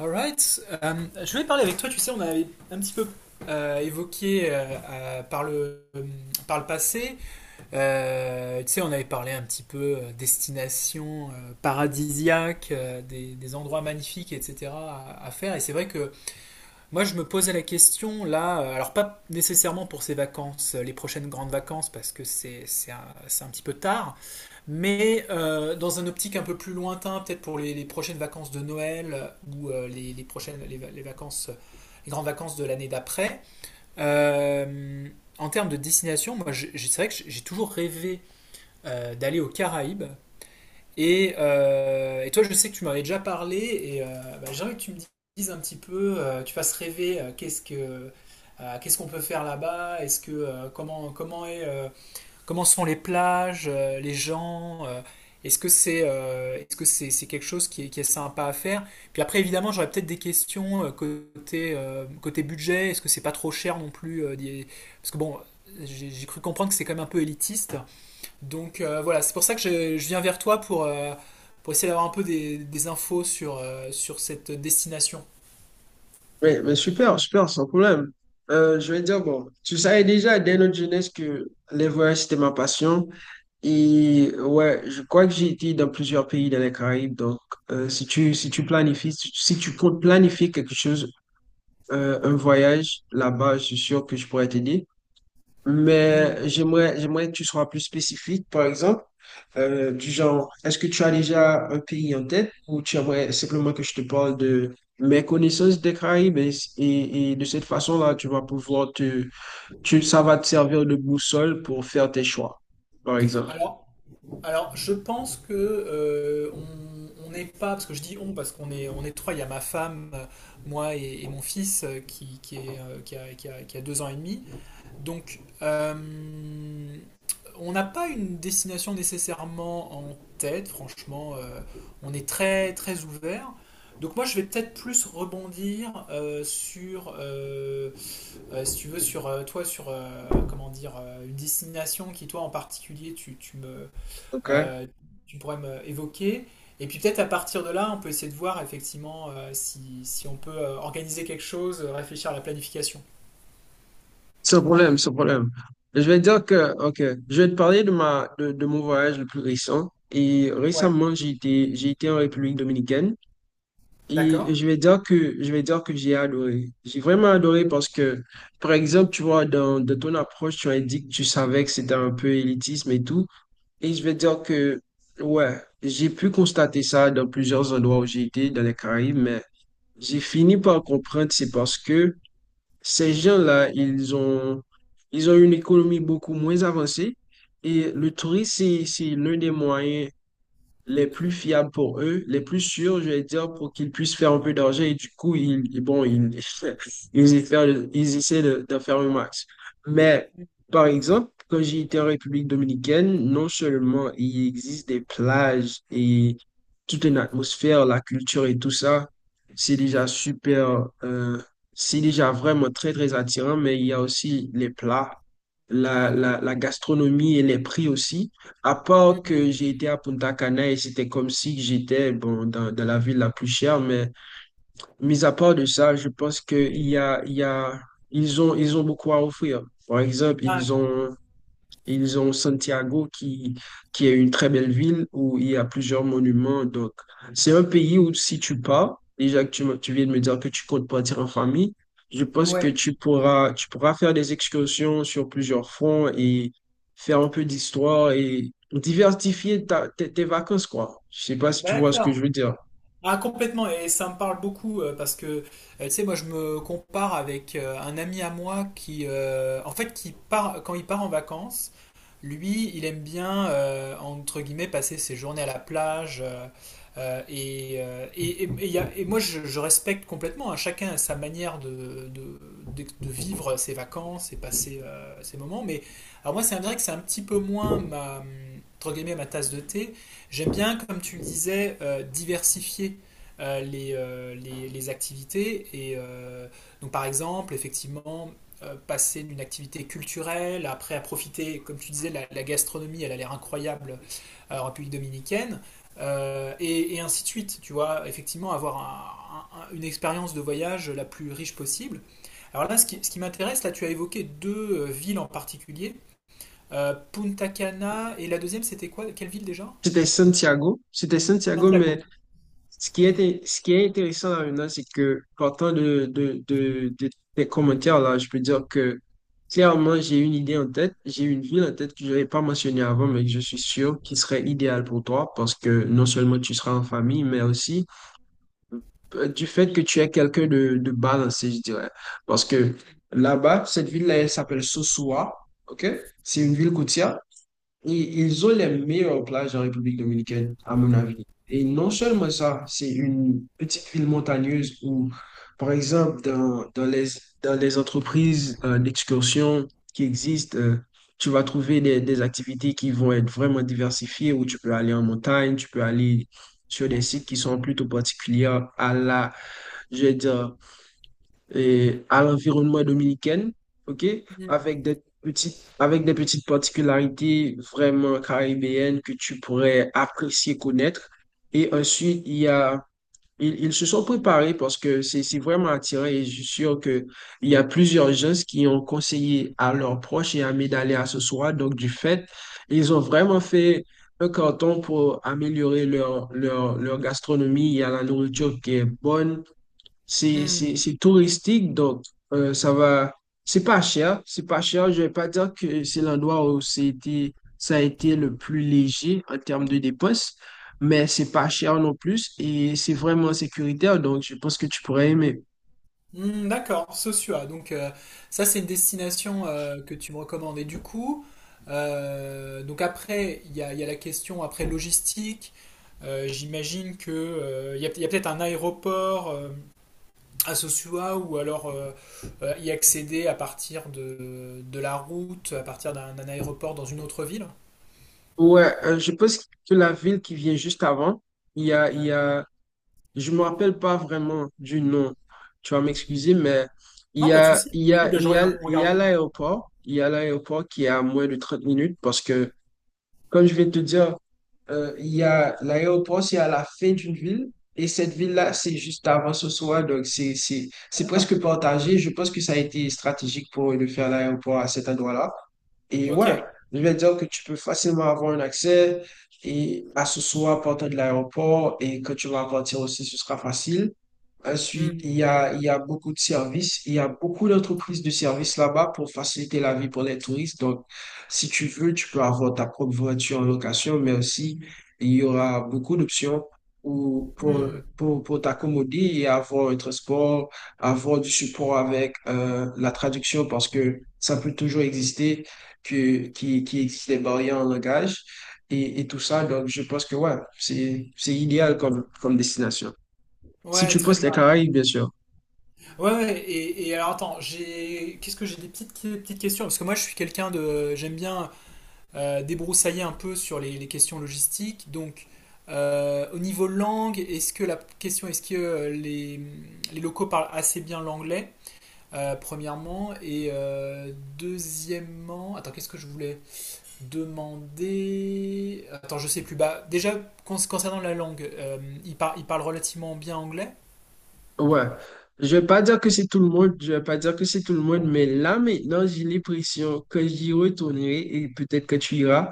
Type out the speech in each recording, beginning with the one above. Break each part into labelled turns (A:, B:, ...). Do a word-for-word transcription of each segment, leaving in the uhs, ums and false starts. A: Alright. Euh, je voulais parler avec toi, tu sais, on avait un petit peu euh, évoqué euh, euh, par le, euh, par le passé. Euh, tu sais, on avait parlé un petit peu euh, destination euh, paradisiaque, euh, des, des endroits magnifiques, et cetera à, à faire. Et c'est vrai que moi, je me posais la question là, euh, alors pas nécessairement pour ces vacances, euh, les prochaines grandes vacances, parce que c'est c'est un, c'est un petit peu tard, mais euh, dans un optique un peu plus lointain, peut-être pour les, les prochaines vacances de Noël euh, ou euh, les, les prochaines les, va- les vacances, les grandes vacances de l'année d'après. Euh, En termes de destination, moi, j'ai- j'ai- c'est vrai que j'ai j'ai toujours rêvé euh, d'aller aux Caraïbes. Et, euh, et toi, je sais que tu m'avais déjà parlé, et euh, bah, j'aimerais que tu me dises un petit peu, euh, tu fasses rêver. Euh, qu'est-ce que, euh, qu'est-ce qu'on peut faire là-bas, est-ce que euh, comment comment est euh, comment sont les plages, euh, les gens, euh, est-ce que c'est euh, est-ce que c'est c'est quelque chose qui est, qui est sympa à faire? Puis après, évidemment, j'aurais peut-être des questions euh, côté euh, côté budget, est-ce que c'est pas trop cher non plus euh, d'y- parce que bon, j'ai j'ai cru comprendre que c'est quand même un peu élitiste. Donc euh, voilà, c'est pour ça que je, je viens vers toi pour, euh, pour essayer d'avoir un peu des, des infos sur, euh, sur cette destination.
B: Mais, mais super, super, sans problème. Euh, je vais dire, bon, tu savais déjà dès notre jeunesse que les voyages, c'était ma passion. Et ouais, je crois que j'ai été dans plusieurs pays dans les Caraïbes. Donc, euh, si tu, si tu planifies, si tu si tu comptes planifier quelque chose, euh, un voyage là-bas, je suis sûr que je pourrais t'aider. Mais
A: Hmm.
B: j'aimerais, j'aimerais que tu sois plus spécifique, par exemple, euh, du genre, est-ce que tu as déjà un pays en tête ou tu aimerais simplement que je te parle de mes connaissances des Caraïbes et, et- et de cette façon-là, tu vas pouvoir te, tu, ça va te servir de boussole pour faire tes choix, par exemple.
A: Alors, alors je pense que euh, on on n'est pas, parce que je dis on, parce qu'on est, on est trois, il y a ma femme, euh, moi et, et mon fils euh, qui, qui, est, euh, qui a, qui a- qui a deux ans et demi. Donc, euh, on n'a pas une destination nécessairement en tête, franchement. Euh, on est très très ouvert. Donc moi je vais peut-être plus rebondir euh, sur, euh, euh, si tu veux, sur euh, toi, sur euh, comment dire, euh, une destination qui toi en particulier tu, tu me,
B: OK?
A: euh, tu pourrais me évoquer. Et puis peut-être à partir de là, on peut essayer de voir effectivement euh, si, si on peut euh, organiser quelque chose, euh, réfléchir à la planification.
B: Sans problème, sans problème. Je vais dire que, OK, je vais te parler de ma, de, de mon voyage le plus récent. Et
A: Ouais.
B: récemment, j'ai été, j'ai été en République dominicaine.
A: D'accord?
B: Et je vais dire que je vais dire que j'ai adoré. J'ai vraiment adoré parce que, par exemple, tu vois, dans, dans ton approche, tu as dit que tu savais que c'était un peu élitisme et tout. Et je vais dire que, ouais, j'ai pu constater ça dans plusieurs endroits où j'ai été, dans les Caraïbes, mais j'ai fini par comprendre, c'est parce que ces gens-là, ils ont, ils ont une économie beaucoup moins avancée. Et le tourisme, c'est c'est l'un des moyens les plus fiables pour eux, les plus sûrs, je vais dire, pour qu'ils puissent faire un peu d'argent. Et du coup, ils, et bon, ils, ils, y faire- ils essaient de, d'en faire le max. Mais, par exemple, quand j'ai été en République dominicaine, non seulement il existe des plages et toute une atmosphère, la culture et tout ça, c'est déjà super, euh, c'est déjà vraiment très, très attirant, mais il y a aussi les plats, la, la, la gastronomie et les prix aussi. À part que
A: Mhm.
B: j'ai été à Punta Cana et c'était comme si j'étais bon, dans, dans la ville la plus chère, mais mis à part de ça, je pense que il y a, il y a, ils ont, ils ont beaucoup à offrir. Par exemple,
A: Ah,
B: ils ont ils ont Santiago qui, qui est une très belle ville où il y a plusieurs monuments. Donc, c'est un pays où si tu pars, déjà que tu, me- tu viens de me dire que tu comptes partir en famille, je pense que
A: ouais,
B: tu pourras, tu pourras faire des excursions sur plusieurs fronts et faire un peu d'histoire et diversifier ta- tes, tes vacances, quoi. Je sais pas si tu vois ce que je
A: d'accord.
B: veux dire.
A: Ah, complètement, et ça me parle beaucoup euh, parce que, euh, tu sais, moi je me compare avec euh, un ami à moi qui, euh, en fait, qui part, quand il part en vacances. Lui, il aime bien, euh, entre guillemets, passer ses journées à la plage. Euh, euh, et, euh, et, et- et il y a- et moi, je, je respecte complètement, hein. Chacun a sa manière de, de- de- de vivre ses vacances et passer euh, ses moments. Mais alors moi, c'est un- je dirais que c'est un petit peu moins ma, entre guillemets, ma tasse de thé. J'aime bien, comme tu le disais, euh, diversifier euh, les, euh, les- les activités. Et euh, donc, par exemple, effectivement, euh, passer d'une activité culturelle, après à profiter, comme tu disais, la, la gastronomie, elle a l'air incroyable euh, en République dominicaine, euh, et, et, ainsi de suite, tu vois, effectivement avoir un, un, une expérience de voyage la plus riche possible. Alors là, ce qui, ce qui m'intéresse, là tu as évoqué deux euh, villes en particulier, euh, Punta Cana, et la deuxième c'était quoi? Quelle ville déjà?
B: C'était Santiago, c'était Santiago, mais
A: Santiago.
B: ce qui
A: Mm.
B: est, ce qui est intéressant là maintenant, c'est que partant de, de, de, de tes commentaires là, je peux dire que clairement, j'ai une idée en tête, j'ai une ville en tête que je n'avais pas mentionnée avant, mais que je suis sûr qui serait idéale pour toi parce que non seulement tu seras en famille, mais aussi euh, du fait que tu es quelqu'un de, de balancé, je dirais. Parce que là-bas, cette ville-là, elle s'appelle Sosua, OK? C'est une ville côtière. Ils ils ont les meilleures plages en République dominicaine, à mon avis. Et non seulement ça, c'est une petite ville montagneuse où, par exemple, dans, dans les, dans les entreprises euh, d'excursion qui existent, euh, tu vas trouver des, des activités qui vont être vraiment diversifiées, où tu peux aller en montagne, tu peux aller sur des sites qui sont plutôt particuliers à la, je veux dire, et à l'environnement dominicain, OK? Avec des petites, avec des petites particularités vraiment caribéennes que tu pourrais apprécier connaître. Et ensuite, il y a, ils, ils se sont préparés parce que c'est, c'est vraiment attirant et je suis sûr que il y a plusieurs gens qui ont conseillé à leurs proches et amis d'aller à ce soir. Donc, du fait, ils ont vraiment fait un canton pour améliorer leur, leur, leur gastronomie. Il y a la nourriture qui est bonne, c'est
A: Mm.
B: c'est- c'est touristique, donc euh, ça va. C'est pas cher, c'est pas cher. Je vais pas dire que c'est l'endroit où c'était, ça a été le plus léger en termes de dépenses, mais c'est pas cher non plus et c'est vraiment sécuritaire, donc je pense que tu pourrais aimer.
A: Hmm, d'accord, Sosua. Donc euh, ça, c'est une destination euh, que tu me recommandes. Et du coup, euh, donc après, il y a, il y a la question après logistique. Euh, j'imagine que euh, il y a, il y a peut-être un aéroport euh, à Sosua ou alors euh, euh, y accéder à partir de, de la route, à partir d'un d'un aéroport dans une autre ville.
B: Ouais, euh, je pense que la ville qui vient juste avant, il y a, il y a, je me rappelle pas vraiment du nom, tu vas m'excuser, mais il
A: Non,
B: y
A: pas de
B: a,
A: souci.
B: il y
A: Si,
B: a,
A: ben,
B: il
A: je
B: y a,
A: regarde, on
B: il y
A: regarde.
B: a l'aéroport, il y a l'aéroport qui est à moins de trente minutes. Parce que Comme je vais te dire, euh, il y a l'aéroport, c'est à la fin d'une ville. Et cette ville-là, c'est juste avant ce soir. Donc, c'est, c'est,
A: Ah,
B: c'est presque
A: d'accord.
B: partagé. Je pense que ça a été stratégique pour de faire l'aéroport à cet endroit-là. Et
A: Ok.
B: ouais, je vais dire que tu peux facilement avoir un accès et à ce soir, partant de l'aéroport. Et quand tu vas partir aussi, ce sera facile. Ensuite, il
A: Hmm,
B: y a, il y a beaucoup de services, il y a beaucoup d'entreprises de services là-bas pour faciliter la vie pour les touristes. Donc, si tu veux, tu peux avoir ta propre voiture en location, mais aussi, il y aura beaucoup d'options pour, pour,
A: hmm,
B: pour, pour t'accommoder et avoir un transport, avoir du support avec euh, la traduction parce que ça peut toujours exister, que, qui, qui existe des barrières en langage et, et tout ça. Donc, je pense que ouais, c'est, c'est idéal
A: hmm.
B: comme, comme destination. Si
A: Ouais,
B: tu
A: très
B: poses
A: bien.
B: les Caraïbes, bien sûr.
A: Ouais, ouais, et, et alors attends, j'ai qu'est-ce que j'ai? Des petites, des petites questions parce que moi je suis quelqu'un de, j'aime bien euh, débroussailler un peu sur les, les questions logistiques. Donc euh, au niveau langue, est-ce que la question est-ce que euh, les, les locaux parlent assez bien l'anglais euh, premièrement et euh, deuxièmement, attends, qu'est-ce que je voulais demander? Attends, je sais plus. Bah, déjà con- concernant la langue, euh, ils par- ils parlent relativement bien anglais.
B: Ouais. Je vais pas dire que c'est tout le monde, je vais pas dire que c'est tout le monde, mais là maintenant, j'ai l'impression que j'y retournerai et peut-être que tu iras.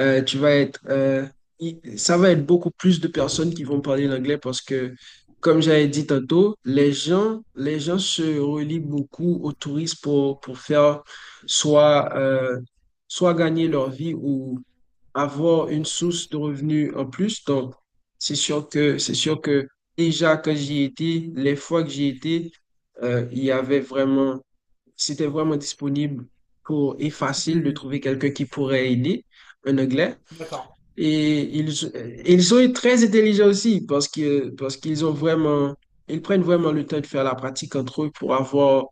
B: Euh, tu vas être, euh, il- ça va être beaucoup plus de personnes qui vont parler l'anglais parce que, comme j'avais dit tantôt, les gens, les gens se relient beaucoup aux touristes pour, pour faire soit, euh, soit gagner leur vie ou avoir une source de revenus en plus. Donc, c'est sûr que, c'est sûr que déjà quand j'y étais, les fois que j'y étais, euh, il y avait vraiment, c'était vraiment disponible pour et facile de
A: Hmm,
B: trouver quelqu'un qui pourrait aider un Anglais.
A: d'accord.
B: Et ils, ils sont très intelligents aussi parce que, parce qu'ils ont vraiment, ils prennent vraiment le temps de faire la pratique entre eux pour avoir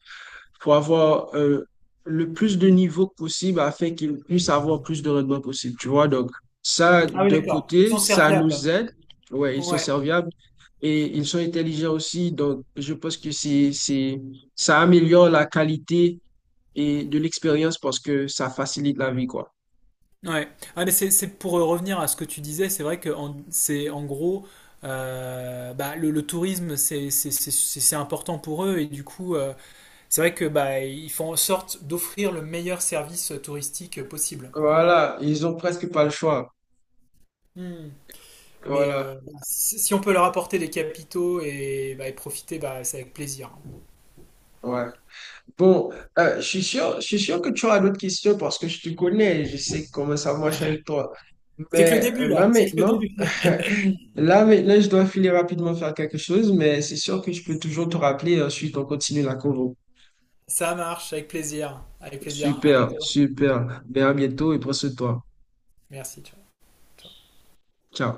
B: pour avoir euh, le plus de niveaux possible afin qu'ils puissent avoir plus de rendement possible, tu vois. Donc, ça,
A: Ah oui,
B: d'un
A: d'accord. Ils
B: côté,
A: sont
B: ça
A: serviables.
B: nous aide. Ouais, ils sont
A: Ouais,
B: serviables et ils sont intelligents aussi. Donc, je pense que c'est, c'est, ça améliore la qualité et de l'expérience parce que ça facilite la vie, quoi.
A: ouais. Ah, mais c'est, c'est pour euh, revenir à ce que tu disais, c'est vrai que en- c'est en gros, euh, bah, le, le tourisme, c'est c'est- c'est- c'est- c'est important pour eux et du coup, euh, c'est vrai que bah, ils font en sorte d'offrir le meilleur service touristique possible.
B: Voilà, ils ont presque pas le choix.
A: Hmm. Mais
B: Voilà,
A: euh, bah, si si on peut leur apporter des capitaux et, bah, et profiter, bah, c'est avec plaisir.
B: ouais. Bon, euh, je suis sûr, je suis sûr que tu auras d'autres questions parce que je te connais et je sais comment ça marche avec toi.
A: C'est que le
B: Mais
A: début
B: euh, là
A: là, c'est que le
B: maintenant,
A: début.
B: là maintenant, je dois filer rapidement faire quelque chose, mais c'est sûr que je peux toujours te rappeler et ensuite on continue la convo.
A: Ça marche, avec plaisir, avec plaisir. À
B: Super,
A: bientôt.
B: super. Ben à bientôt et prends soin de toi.
A: Merci, ciao. Ciao.
B: Ciao.